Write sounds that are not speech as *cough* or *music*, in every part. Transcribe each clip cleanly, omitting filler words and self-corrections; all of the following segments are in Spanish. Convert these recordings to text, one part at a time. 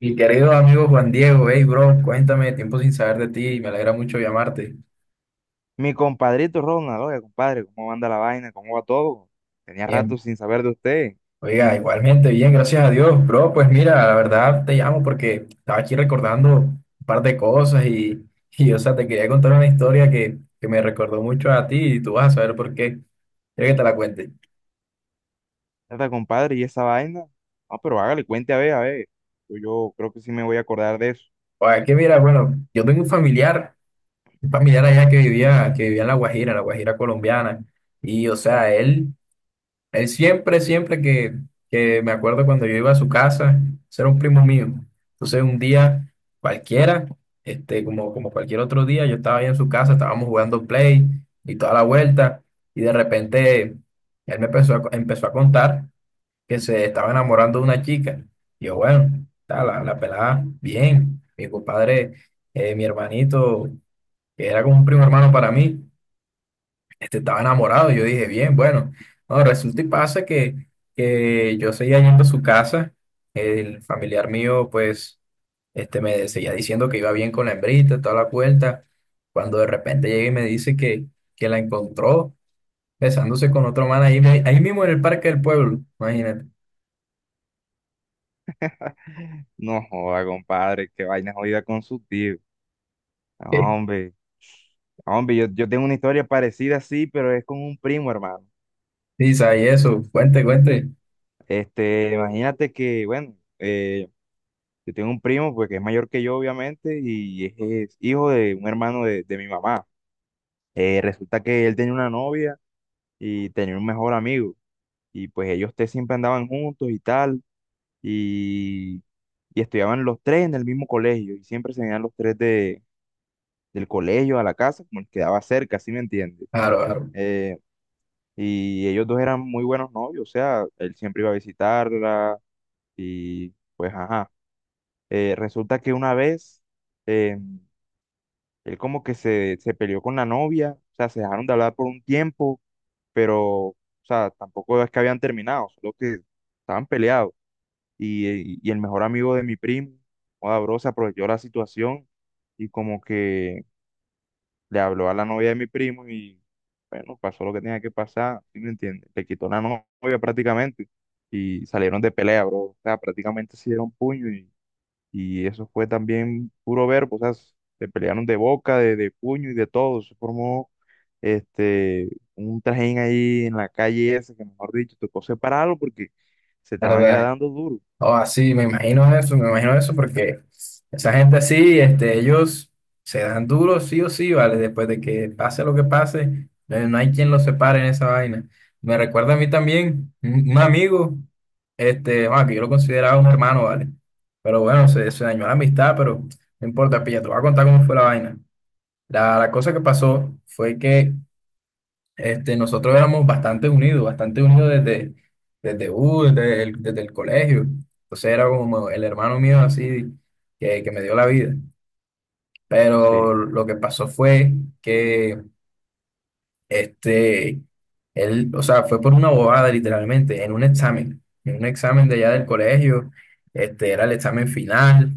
Mi querido amigo Juan Diego, hey bro, cuéntame, tiempo sin saber de ti, me alegra mucho llamarte. Mi compadrito Ronald, oiga, compadre, ¿cómo anda la vaina? ¿Cómo va todo? Tenía rato Bien, sin saber de usted. oiga, igualmente, bien, gracias a Dios, bro, pues mira, la verdad te llamo porque estaba aquí recordando un par de cosas, o sea, te quería contar una historia que me recordó mucho a ti y tú vas a saber por qué. Quiero que te la cuente. Está, compadre, ¿y esa vaina? No, pero hágale, cuente a ver, a ver. Yo creo que sí me voy a acordar de eso. Oiga, que mira, bueno, yo tengo un familiar allá que vivía en La Guajira colombiana, y o sea, él siempre que me acuerdo cuando yo iba a su casa, ese era un primo mío. Entonces un día cualquiera, como, como cualquier otro día, yo estaba ahí en su casa, estábamos jugando play y toda la vuelta, y de repente él me empezó a empezó a contar que se estaba enamorando de una chica. Y yo, bueno, ta, la pelada, bien. Mi compadre, mi hermanito, que era como un primo hermano para mí, estaba enamorado. Yo dije, bien, bueno, no, resulta y pasa que yo seguía yendo a su casa, el familiar mío pues me seguía diciendo que iba bien con la hembrita, toda la vuelta, cuando de repente llega y me dice que la encontró besándose con otro man ahí mismo en el parque del pueblo, imagínate. No joda, compadre, qué vaina jodida con su tío. *laughs* Hombre. No, hombre, yo tengo una historia parecida, sí, pero es con un primo, hermano. Sí, sí, y eso, cuente, cuente. Imagínate que, bueno, yo tengo un primo, pues, que es mayor que yo, obviamente, y es hijo de un hermano de mi mamá. Resulta que él tenía una novia y tenía un mejor amigo. Y pues ellos tres siempre andaban juntos y tal, y, y estudiaban los tres en el mismo colegio, y siempre se venían los tres de, del colegio a la casa, como el que quedaba cerca, ¿sí me entiendes? Claro, Eh, y ellos dos eran muy buenos novios, o sea, él siempre iba a visitarla, y pues ajá. Resulta que una vez eh, él como que se peleó con la novia, o sea, se dejaron de hablar por un tiempo pero, o sea, tampoco es que habían terminado, solo que estaban peleados. Y el mejor amigo de mi primo, joda, bro, se aprovechó la situación y como que le habló a la novia de mi primo y, bueno, pasó lo que tenía que pasar, ¿sí me entiendes? Le quitó la novia prácticamente y salieron de pelea, bro. O sea, prácticamente se dieron puño y eso fue también puro verbo, o sea, se pelearon de boca, de puño y de todo. Se formó este, un trajín ahí en la calle esa, que mejor dicho, tocó separarlo porque se claro, estaban era verdad. dando duro. O así, me imagino eso porque esa gente así, ellos se dan duro sí o sí, ¿vale? Después de que pase lo que pase, no hay quien los separe en esa vaina. Me recuerda a mí también un amigo, bueno, que yo lo consideraba un hermano, ¿vale? Pero bueno, se dañó la amistad, pero no importa, pilla, te voy a contar cómo fue la vaina. La cosa que pasó fue que nosotros éramos bastante unidos desde el colegio. Entonces era como el hermano mío así que me dio la vida. Sí, Pero lo que pasó fue que este, él, o sea, fue por una bobada literalmente, en un examen de allá del colegio, era el examen final.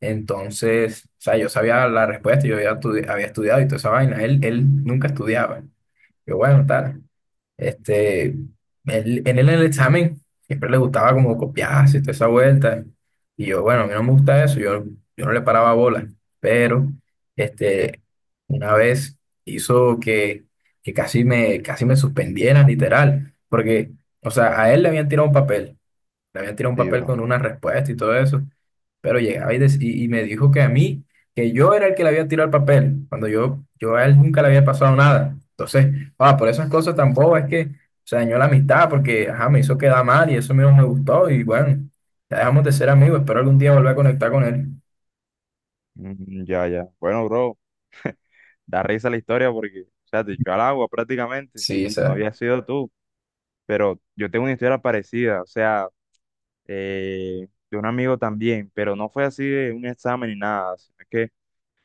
Entonces, o sea, yo sabía la respuesta, yo había estudiado y toda esa vaina. Él nunca estudiaba. Yo, bueno, tal. Este, él, en él en el examen siempre le gustaba como copiarse y toda esa vuelta. Y yo, bueno, a mí no me gusta eso, yo no le paraba bola. Pero, este, una vez hizo que casi casi me suspendieran, literal. Porque, o sea, a él le habían tirado un papel, le habían tirado un sí, papel bro. con una respuesta y todo eso. Pero llegaba y me dijo que a mí, que yo era el que le había tirado el papel, cuando yo a él nunca le había pasado nada. Entonces, ah, por esas cosas tampoco es que se dañó la amistad, porque ajá, me hizo quedar mal y eso mismo me gustó. Y bueno, ya dejamos de ser amigos, espero algún día volver a conectar con él. Mm, ya, ya. Bueno, bro, da risa la historia porque, o sea, te echó al agua prácticamente. Sí, o No sea, había sido tú, pero yo tengo una historia parecida, o sea, de un amigo también, pero no fue así de un examen ni nada, sino que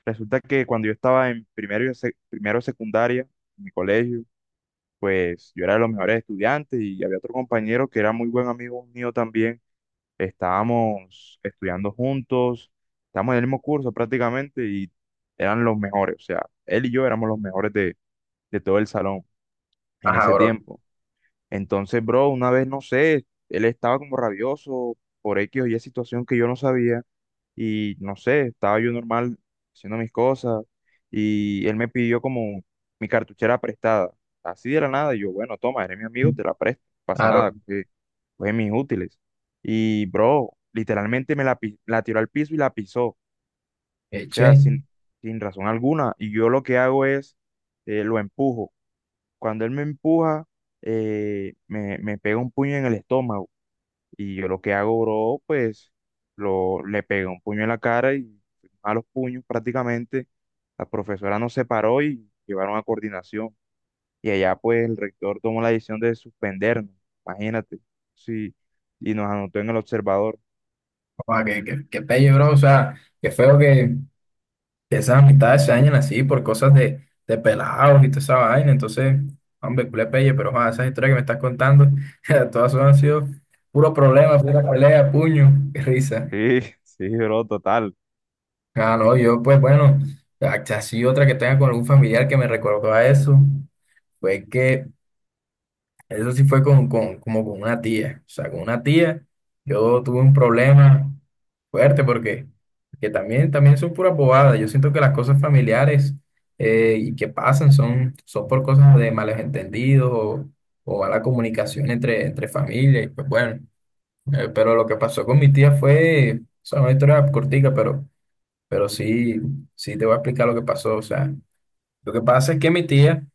resulta que cuando yo estaba en primero, y primero de secundaria, en mi colegio, pues yo era de los mejores estudiantes y había otro compañero que era muy buen amigo mío también. Estábamos estudiando juntos, estábamos en el mismo curso prácticamente y eran los mejores. O sea, él y yo éramos los mejores de todo el salón en ajá, ese bro. tiempo. Entonces, bro, una vez, no sé, él estaba como rabioso por X o Y situación que yo no sabía y no sé, estaba yo normal haciendo mis cosas y él me pidió como mi cartuchera prestada, así de la nada, y yo, bueno, toma, eres mi amigo, te la presto, no pasa Claro, nada, coge, coge mis útiles. Y bro, literalmente me la tiró al piso y la pisó, o sea, eche. sin, Che, sin razón alguna, y yo lo que hago es, lo empujo. Cuando él me empuja, me pega un puño en el estómago. Y yo lo que hago, bro, pues le pegué un puño en la cara y a los puños prácticamente. La profesora nos separó y llevaron a coordinación. Y allá pues el rector tomó la decisión de suspendernos, imagínate. Sí, y nos anotó en el observador. o sea que pelle, bro. O sea, qué feo que esas amistades se dañan así por cosas de pelados y toda esa vaina. Entonces, hombre, culé pelle, pero joder, esas historias que me estás contando, *laughs* todas son- han sido puro problema, pura pelea, puño, qué risa. Sí, *laughs* sí, bro, total. Ah, no, yo pues bueno, así otra que tenga con algún familiar que me recordó a eso, fue que eso sí fue como con una tía. O sea, con una tía yo tuve un problema fuerte porque que también, también son puras bobadas. Yo siento que las cosas familiares y que pasan son por cosas de malos entendidos o mala comunicación entre familia. Y pues bueno, pero lo que pasó con mi tía fue, o sea, una historia cortica, pero sí, sí te voy a explicar lo que pasó. O sea, lo que pasa es que mi tía...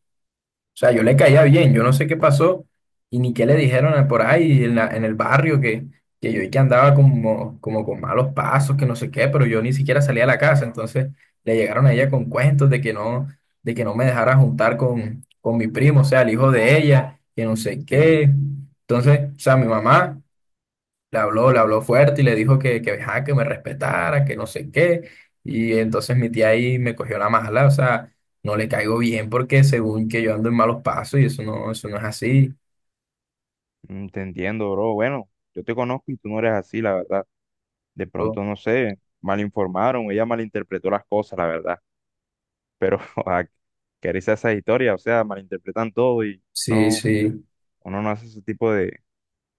O sea, yo le caía bien, yo no sé qué pasó y ni qué le dijeron por ahí en el barrio que yo y que andaba como, como con malos pasos, que no sé qué, pero yo ni siquiera salía a la casa. Entonces le llegaron a ella con cuentos de que no me dejara juntar con mi primo, o sea, el hijo de ella, que no sé Sí, qué. Entonces, o sea, mi mamá le habló, le habló fuerte y le dijo ajá, que me respetara, que no sé qué. Y entonces mi tía ahí me cogió la mala, o sea, no le caigo bien porque según que yo ando en malos pasos y eso no es así. mm, te entiendo, bro. Bueno, yo te conozco y tú no eres así, la verdad. De Oh, pronto, no sé, mal informaron, ella malinterpretó las cosas, la verdad. Pero *laughs* a quererse a esa historia, o sea, malinterpretan todo y sí, no, sí. uno no hace ese tipo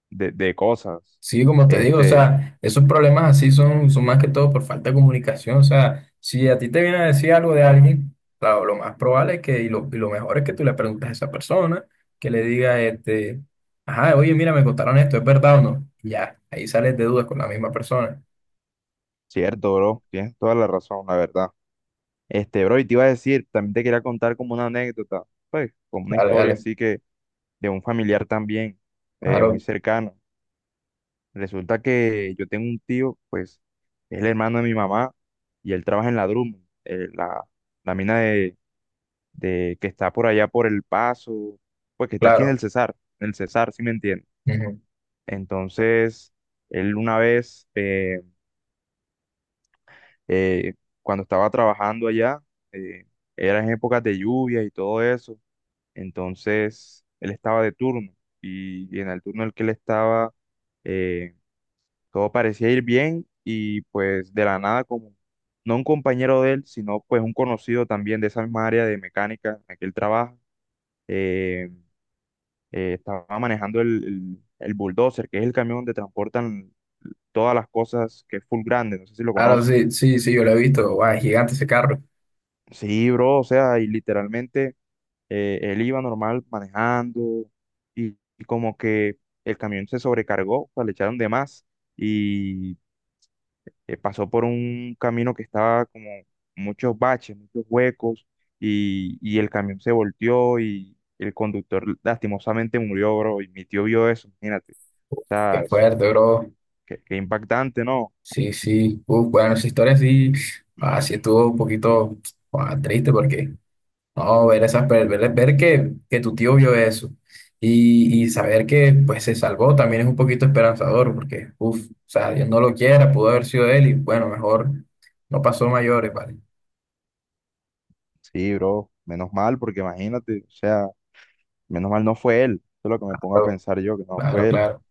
de cosas. Sí, como te digo, o Este, sea, esos problemas así son, son más que todo por falta de comunicación. O sea, si a ti te viene a decir algo de alguien, claro, lo más probable es y lo mejor es que tú le preguntes a esa persona, que le diga, ajá, oye, mira, me contaron esto, ¿es verdad o no? Y ya, ahí sales de dudas con la misma persona. cierto, bro, tienes toda la razón, la verdad. Este, bro, y te iba a decir, también te quería contar como una anécdota, pues, como una Dale, historia dale, así que de un familiar también, muy claro, cercano. Resulta que yo tengo un tío, pues, es el hermano de mi mamá y él trabaja en la Drummond, la mina de que está por allá por El Paso, pues que está aquí claro. En el Cesar, si me entiendes. Ujú. Entonces, él una vez, eh, cuando estaba trabajando allá, eh, era en épocas de lluvia y todo eso, entonces él estaba de turno y en el turno en el que él estaba, eh, todo parecía ir bien y pues de la nada como... No un compañero de él, sino pues un conocido también de esa misma área de mecánica en la que él trabaja, eh, estaba manejando el bulldozer, que es el camión donde transportan todas las cosas que es full grande, no sé si lo Claro, conoces. sí, sí, sí, yo lo he visto. Guau, es gigante ese carro. Sí, bro, o sea, y literalmente él iba normal manejando y como que el camión se sobrecargó, o sea, le echaron de más y pasó por un camino que estaba como muchos baches, muchos huecos y el camión se volteó y el conductor lastimosamente murió, bro, y mi tío vio eso, imagínate. O Qué sea, fuerte, bro. qué, qué impactante, ¿no? Sí, sí. Uf, bueno, esa historia sí, ah, sí estuvo un poquito, ah, triste porque no, ver esas, ver que tu tío vio eso y saber que pues se salvó también es un poquito esperanzador porque, uff, o sea, Dios no lo quiera, pudo haber sido él y bueno, mejor no pasó mayores, ¿vale? Sí, bro, menos mal, porque imagínate, o sea, menos mal no fue él. Eso es lo que me pongo a Claro, pensar yo, que no claro, fue él. claro.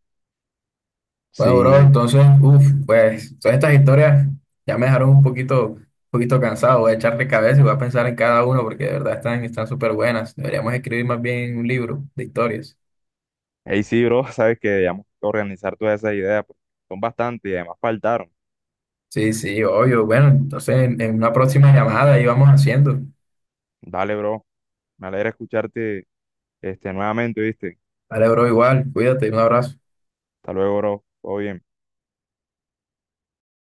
Bueno, bro, Sí, entonces, uff, pues todas estas historias ya me dejaron un poquito cansado, voy a echarle cabeza y voy a pensar en cada uno porque de verdad están, están súper buenas. Deberíamos escribir más bien un libro de historias. ahí sí, bro, *laughs* sabes que debíamos organizar todas esas ideas, porque son bastantes y además faltaron. Sí, sí, obvio. Bueno, entonces en una próxima llamada ahí vamos haciendo. Dale, bro, me alegra escucharte este, nuevamente, ¿viste? Vale, bro, igual, cuídate, un abrazo. Hasta luego, bro, todo bien.